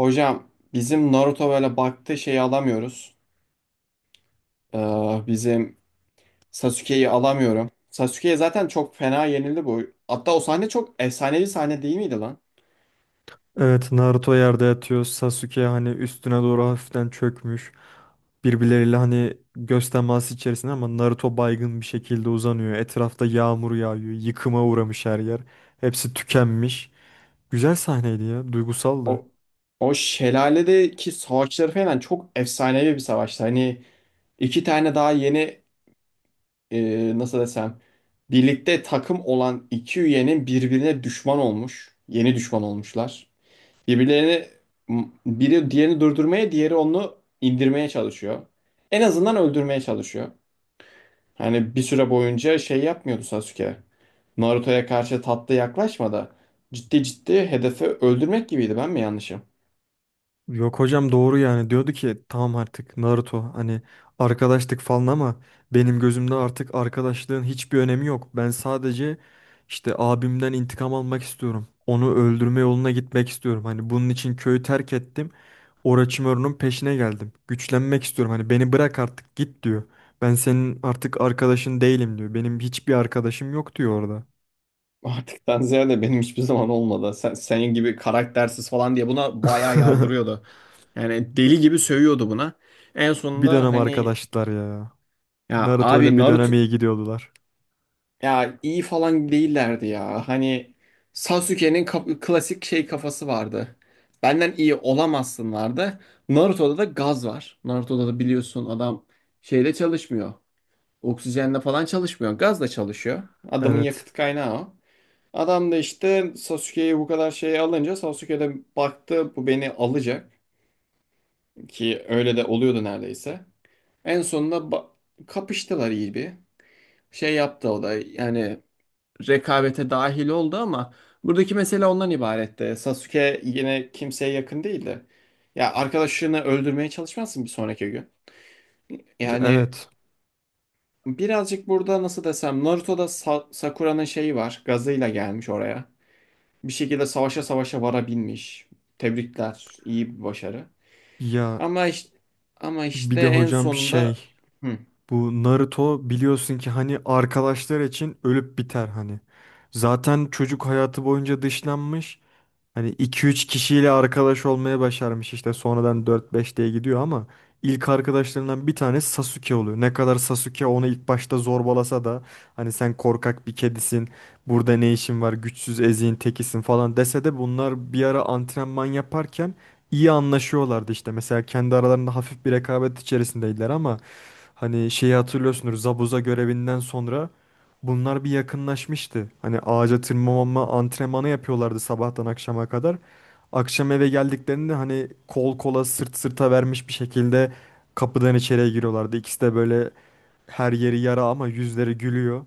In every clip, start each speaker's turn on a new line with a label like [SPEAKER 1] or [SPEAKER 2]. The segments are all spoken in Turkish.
[SPEAKER 1] Hocam bizim Naruto böyle baktığı şeyi alamıyoruz. Ee, bizim Sasuke'yi alamıyorum. Sasuke'ye zaten çok fena yenildi bu. Hatta o sahne çok efsanevi sahne değil miydi lan?
[SPEAKER 2] Evet, Naruto yerde yatıyor. Sasuke hani üstüne doğru hafiften çökmüş. Birbirleriyle hani göz teması içerisinde ama Naruto baygın bir şekilde uzanıyor. Etrafta yağmur yağıyor. Yıkıma uğramış her yer. Hepsi tükenmiş. Güzel sahneydi ya. Duygusaldı.
[SPEAKER 1] O o şelaledeki savaşları falan çok efsanevi bir savaştı. Hani iki tane daha yeni nasıl desem birlikte takım olan iki üyenin birbirine düşman olmuş. Yeni düşman olmuşlar. Birbirlerini biri diğerini durdurmaya, diğeri onu indirmeye çalışıyor. En azından öldürmeye çalışıyor. Hani bir süre boyunca şey yapmıyordu Sasuke. Naruto'ya karşı tatlı yaklaşmadı. Ciddi ciddi hedefi öldürmek gibiydi. Ben mi yanlışım?
[SPEAKER 2] Yok hocam doğru, yani diyordu ki tamam artık Naruto hani arkadaştık falan ama benim gözümde artık arkadaşlığın hiçbir önemi yok. Ben sadece işte abimden intikam almak istiyorum. Onu öldürme yoluna gitmek istiyorum. Hani bunun için köyü terk ettim. Orochimaru'nun peşine geldim. Güçlenmek istiyorum. Hani beni bırak artık git diyor. Ben senin artık arkadaşın değilim diyor. Benim hiçbir arkadaşım yok diyor orada.
[SPEAKER 1] Artıktan ziyade benim hiçbir zaman olmadı. Senin gibi karaktersiz falan diye buna bayağı yardırıyordu. Yani
[SPEAKER 2] Ya,
[SPEAKER 1] deli gibi sövüyordu buna. En
[SPEAKER 2] bir
[SPEAKER 1] sonunda
[SPEAKER 2] dönem
[SPEAKER 1] hani
[SPEAKER 2] arkadaşlar ya.
[SPEAKER 1] ya
[SPEAKER 2] Naruto
[SPEAKER 1] abi
[SPEAKER 2] ile bir
[SPEAKER 1] Naruto.
[SPEAKER 2] dönem iyi gidiyordular.
[SPEAKER 1] Ya iyi falan değillerdi ya. Hani klasik şey kafası vardı. Benden iyi olamazsın vardı. Naruto'da da gaz var. Naruto'da da biliyorsun adam şeyle çalışmıyor. Oksijenle falan çalışmıyor. Gazla çalışıyor. Adamın
[SPEAKER 2] Evet.
[SPEAKER 1] yakıt kaynağı o. Adam da işte Sasuke'yi bu kadar şey alınca Sasuke de baktı bu beni alacak. Ki öyle de oluyordu neredeyse. En sonunda kapıştılar iyi bir. Şey yaptı o da yani rekabete dahil oldu ama buradaki mesele ondan ibaretti. Sasuke yine kimseye yakın değildi. Ya arkadaşını öldürmeye çalışmazsın bir sonraki gün. Yani
[SPEAKER 2] Evet.
[SPEAKER 1] birazcık burada nasıl desem Naruto'da Sakura'nın şeyi var. Gazıyla gelmiş oraya. Bir şekilde savaşa savaşa varabilmiş. Tebrikler. İyi bir başarı.
[SPEAKER 2] Ya
[SPEAKER 1] Ama işte, ama işte
[SPEAKER 2] bir de
[SPEAKER 1] en
[SPEAKER 2] hocam
[SPEAKER 1] sonunda
[SPEAKER 2] şey,
[SPEAKER 1] hı,
[SPEAKER 2] bu Naruto biliyorsun ki hani arkadaşlar için ölüp biter hani. Zaten çocuk hayatı boyunca dışlanmış. Hani iki üç kişiyle arkadaş olmaya başarmış, işte sonradan dört beş diye gidiyor ama ilk arkadaşlarından bir tanesi Sasuke oluyor. Ne kadar Sasuke onu ilk başta zorbalasa da hani sen korkak bir kedisin, burada ne işin var, güçsüz eziğin tekisin falan dese de bunlar bir ara antrenman yaparken iyi anlaşıyorlardı işte. Mesela kendi aralarında hafif bir rekabet içerisindeydiler ama hani şeyi hatırlıyorsunuz, Zabuza görevinden sonra bunlar bir yakınlaşmıştı. Hani ağaca tırmanma antrenmanı yapıyorlardı sabahtan akşama kadar. Akşam eve geldiklerinde hani kol kola, sırt sırta vermiş bir şekilde kapıdan içeriye giriyorlardı. İkisi de böyle her yeri yara ama yüzleri gülüyor.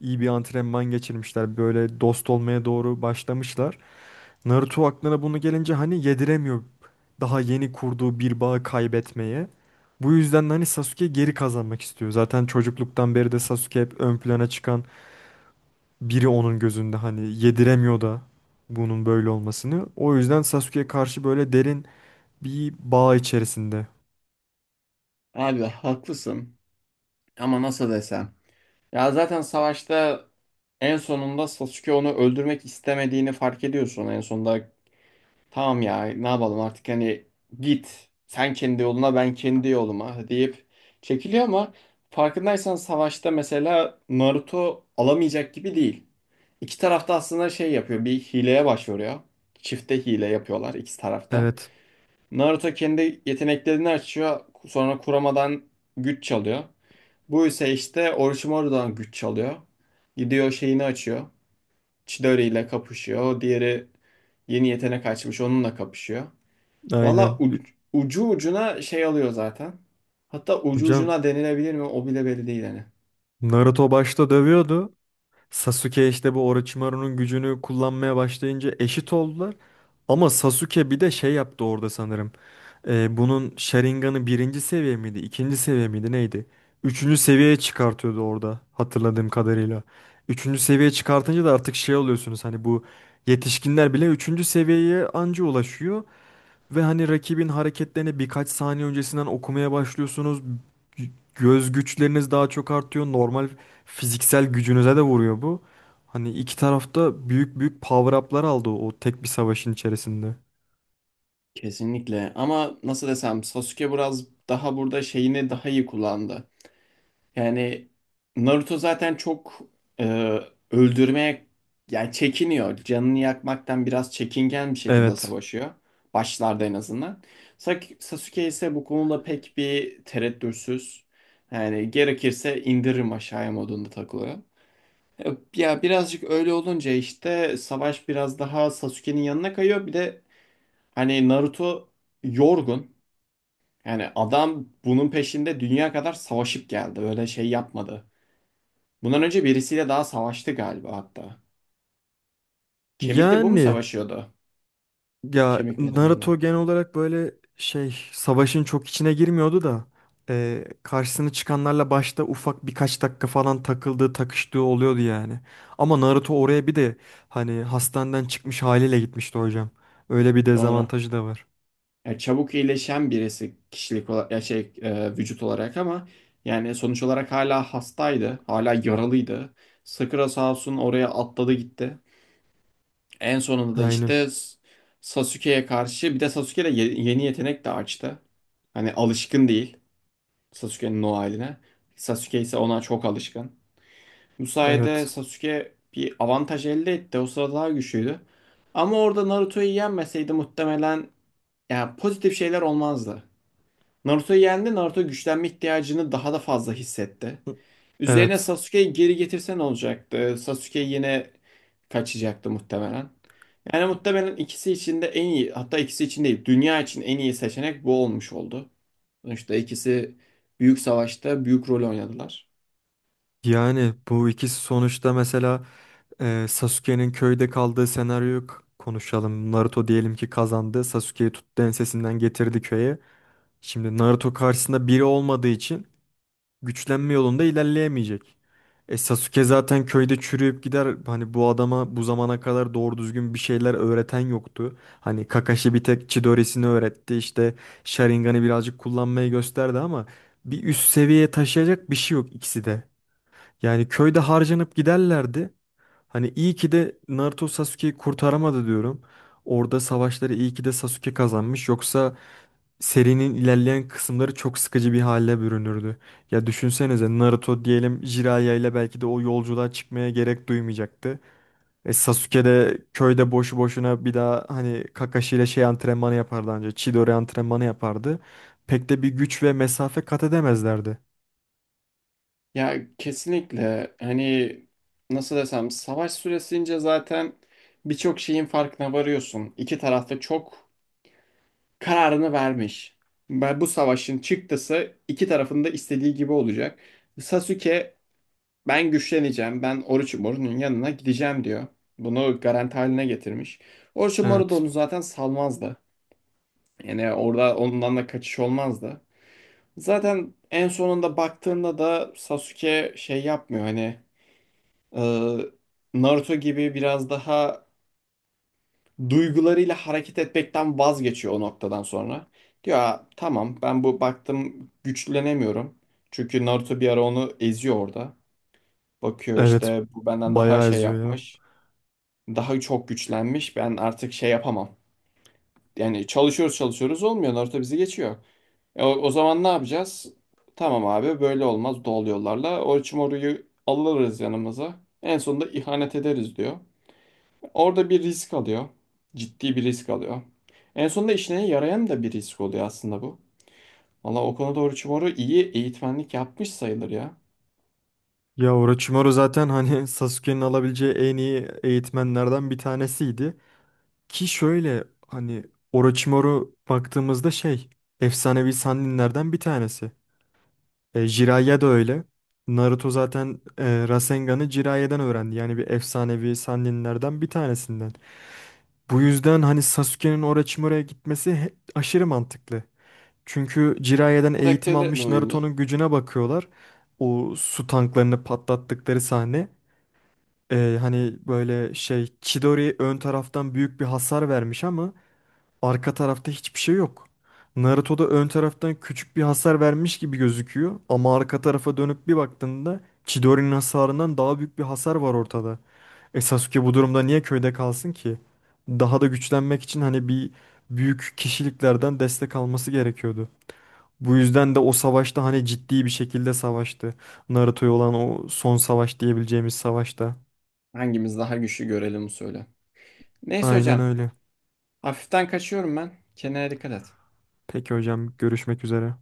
[SPEAKER 2] İyi bir antrenman geçirmişler. Böyle dost olmaya doğru başlamışlar. Naruto aklına bunu gelince hani yediremiyor daha yeni kurduğu bir bağı kaybetmeye. Bu yüzden de hani Sasuke geri kazanmak istiyor. Zaten çocukluktan beri de Sasuke hep ön plana çıkan biri onun gözünde, hani yediremiyor da bunun böyle olmasını. O yüzden Sasuke'ye karşı böyle derin bir bağ içerisinde.
[SPEAKER 1] abi haklısın. Ama nasıl desem. Ya zaten savaşta en sonunda Sasuke onu öldürmek istemediğini fark ediyorsun en sonunda. Tamam ya ne yapalım artık hani git sen kendi yoluna ben kendi yoluma deyip çekiliyor ama farkındaysan savaşta mesela Naruto alamayacak gibi değil. İki tarafta aslında şey yapıyor bir hileye başvuruyor. Çifte hile yapıyorlar iki tarafta.
[SPEAKER 2] Evet,
[SPEAKER 1] Naruto kendi yeteneklerini açıyor sonra Kurama'dan güç çalıyor. Bu ise işte Orochimaru'dan güç çalıyor. Gidiyor şeyini açıyor. Chidori ile kapışıyor. O diğeri yeni yetenek açmış onunla kapışıyor. Valla
[SPEAKER 2] aynen.
[SPEAKER 1] ucu ucuna şey alıyor zaten. Hatta ucu
[SPEAKER 2] Hocam
[SPEAKER 1] ucuna denilebilir mi o bile belli değil hani.
[SPEAKER 2] Naruto başta dövüyordu. Sasuke işte bu Orochimaru'nun gücünü kullanmaya başlayınca eşit oldular. Ama Sasuke bir de şey yaptı orada sanırım. Bunun Sharingan'ı birinci seviye miydi, ikinci seviye miydi neydi? Üçüncü seviyeye çıkartıyordu orada hatırladığım kadarıyla. Üçüncü seviyeye çıkartınca da artık şey oluyorsunuz, hani bu yetişkinler bile üçüncü seviyeye anca ulaşıyor. Ve hani rakibin hareketlerini birkaç saniye öncesinden okumaya başlıyorsunuz. Göz güçleriniz daha çok artıyor. Normal fiziksel gücünüze de vuruyor bu. Hani iki tarafta büyük büyük power up'lar aldı o tek bir savaşın içerisinde.
[SPEAKER 1] Kesinlikle ama nasıl desem Sasuke biraz daha burada şeyini daha iyi kullandı. Yani Naruto zaten çok e, öldürmeye yani çekiniyor. Canını yakmaktan biraz çekingen bir şekilde
[SPEAKER 2] Evet.
[SPEAKER 1] savaşıyor. Başlarda en azından. Sasuke ise bu konuda pek bir tereddütsüz. Yani gerekirse indiririm aşağıya modunda takılıyor. E, Ya birazcık öyle olunca işte savaş biraz daha Sasuke'nin yanına kayıyor. Bir de hani Naruto yorgun. Yani adam bunun peşinde dünya kadar savaşıp geldi. Öyle şey yapmadı. Bundan önce birisiyle daha savaştı galiba hatta. Kemikle bu mu
[SPEAKER 2] Yani
[SPEAKER 1] savaşıyordu?
[SPEAKER 2] Ya
[SPEAKER 1] Kemikli elemanla.
[SPEAKER 2] Naruto genel olarak böyle şey, savaşın çok içine girmiyordu da karşısına çıkanlarla başta ufak birkaç dakika falan takıldığı takıştığı oluyordu yani. Ama Naruto oraya bir de hani hastaneden çıkmış haliyle gitmişti hocam. Öyle bir
[SPEAKER 1] Doğru.
[SPEAKER 2] dezavantajı da var.
[SPEAKER 1] Yani çabuk iyileşen birisi kişilik olarak, ya şey vücut olarak ama yani sonuç olarak hala hastaydı. Hala yaralıydı. Sakura sağ olsun oraya atladı gitti. En sonunda da
[SPEAKER 2] Aynen.
[SPEAKER 1] işte Sasuke'ye karşı bir de Sasuke de yeni yetenek de açtı. Hani alışkın değil Sasuke'nin o haline. Sasuke ise ona çok alışkın. Bu sayede
[SPEAKER 2] Evet.
[SPEAKER 1] Sasuke bir avantaj elde etti. O sırada daha güçlüydü. Ama orada Naruto'yu yenmeseydi muhtemelen yani pozitif şeyler olmazdı. Naruto'yu yendi. Naruto güçlenme ihtiyacını daha da fazla hissetti. Üzerine
[SPEAKER 2] Evet.
[SPEAKER 1] Sasuke'yi geri getirse ne olacaktı? Sasuke yine kaçacaktı muhtemelen. Yani muhtemelen ikisi için de en iyi, hatta ikisi için değil, dünya için en iyi seçenek bu olmuş oldu. Sonuçta ikisi büyük savaşta büyük rol oynadılar.
[SPEAKER 2] Yani bu ikisi sonuçta, mesela Sasuke'nin köyde kaldığı senaryoyu konuşalım. Naruto diyelim ki kazandı. Sasuke'yi tuttu, ensesinden getirdi köye. Şimdi Naruto karşısında biri olmadığı için güçlenme yolunda ilerleyemeyecek. E Sasuke zaten köyde çürüyüp gider. Hani bu adama bu zamana kadar doğru düzgün bir şeyler öğreten yoktu. Hani Kakashi bir tek Chidori'sini öğretti. İşte Sharingan'ı birazcık kullanmayı gösterdi ama bir üst seviyeye taşıyacak bir şey yok ikisi de. Yani köyde harcanıp giderlerdi. Hani iyi ki de Naruto Sasuke'yi kurtaramadı diyorum. Orada savaşları iyi ki de Sasuke kazanmış. Yoksa serinin ilerleyen kısımları çok sıkıcı bir hale bürünürdü. Ya düşünsenize, Naruto diyelim Jiraiya ile belki de o yolculuğa çıkmaya gerek duymayacaktı. E Sasuke de köyde boşu boşuna bir daha hani Kakashi ile şey antrenmanı yapardı, anca Chidori antrenmanı yapardı. Pek de bir güç ve mesafe kat edemezlerdi.
[SPEAKER 1] Ya kesinlikle hani nasıl desem savaş süresince zaten birçok şeyin farkına varıyorsun. İki tarafta çok kararını vermiş. Ben bu savaşın çıktısı iki tarafın da istediği gibi olacak. Sasuke ben güçleneceğim. Ben Orochimaru'nun yanına gideceğim diyor. Bunu garanti haline getirmiş. Orochimaru da
[SPEAKER 2] Evet.
[SPEAKER 1] onu zaten salmazdı. Yani orada ondan da kaçış olmazdı. Zaten en sonunda baktığında da Sasuke şey yapmıyor hani e, Naruto gibi biraz daha duygularıyla hareket etmekten vazgeçiyor o noktadan sonra. Diyor "Aa, tamam ben bu baktım güçlenemiyorum. Çünkü Naruto bir ara onu eziyor orada. Bakıyor
[SPEAKER 2] Evet.
[SPEAKER 1] işte bu benden daha
[SPEAKER 2] Bayağı
[SPEAKER 1] şey
[SPEAKER 2] eziyor ya.
[SPEAKER 1] yapmış. Daha çok güçlenmiş. Ben artık şey yapamam. Yani çalışıyoruz çalışıyoruz olmuyor. Naruto bizi geçiyor. O zaman ne yapacağız? Tamam abi böyle olmaz doğal yollarla. Orochimaru'yu alırız yanımıza. En sonunda ihanet ederiz diyor. Orada bir risk alıyor. Ciddi bir risk alıyor. En sonunda işine yarayan da bir risk oluyor aslında bu. Valla o konuda Orochimaru iyi eğitmenlik yapmış sayılır ya.
[SPEAKER 2] Ya Orochimaru zaten hani Sasuke'nin alabileceği en iyi eğitmenlerden bir tanesiydi. Ki şöyle hani, Orochimaru baktığımızda şey, efsanevi Sanninlerden bir tanesi. E, Jiraiya da öyle. Naruto zaten Rasengan'ı Jiraiya'dan öğrendi. Yani bir efsanevi Sanninlerden bir tanesinden. Bu yüzden hani Sasuke'nin Orochimaru'ya gitmesi aşırı mantıklı. Çünkü Jiraiya'dan eğitim
[SPEAKER 1] Karakterler de
[SPEAKER 2] almış
[SPEAKER 1] uyumlu.
[SPEAKER 2] Naruto'nun gücüne bakıyorlar. O su tanklarını patlattıkları sahne. E, hani böyle şey, Chidori ön taraftan büyük bir hasar vermiş ama arka tarafta hiçbir şey yok. Naruto'da ön taraftan küçük bir hasar vermiş gibi gözüküyor ama arka tarafa dönüp bir baktığında Chidori'nin hasarından daha büyük bir hasar var ortada. E Sasuke bu durumda niye köyde kalsın ki? Daha da güçlenmek için hani bir büyük kişiliklerden destek alması gerekiyordu. Bu yüzden de o savaşta hani ciddi bir şekilde savaştı. Naruto'ya olan o son savaş diyebileceğimiz savaşta.
[SPEAKER 1] Hangimiz daha güçlü görelim söyle. Neyse
[SPEAKER 2] Aynen
[SPEAKER 1] hocam.
[SPEAKER 2] öyle.
[SPEAKER 1] Hafiften kaçıyorum ben. Kendine dikkat et.
[SPEAKER 2] Peki hocam, görüşmek üzere.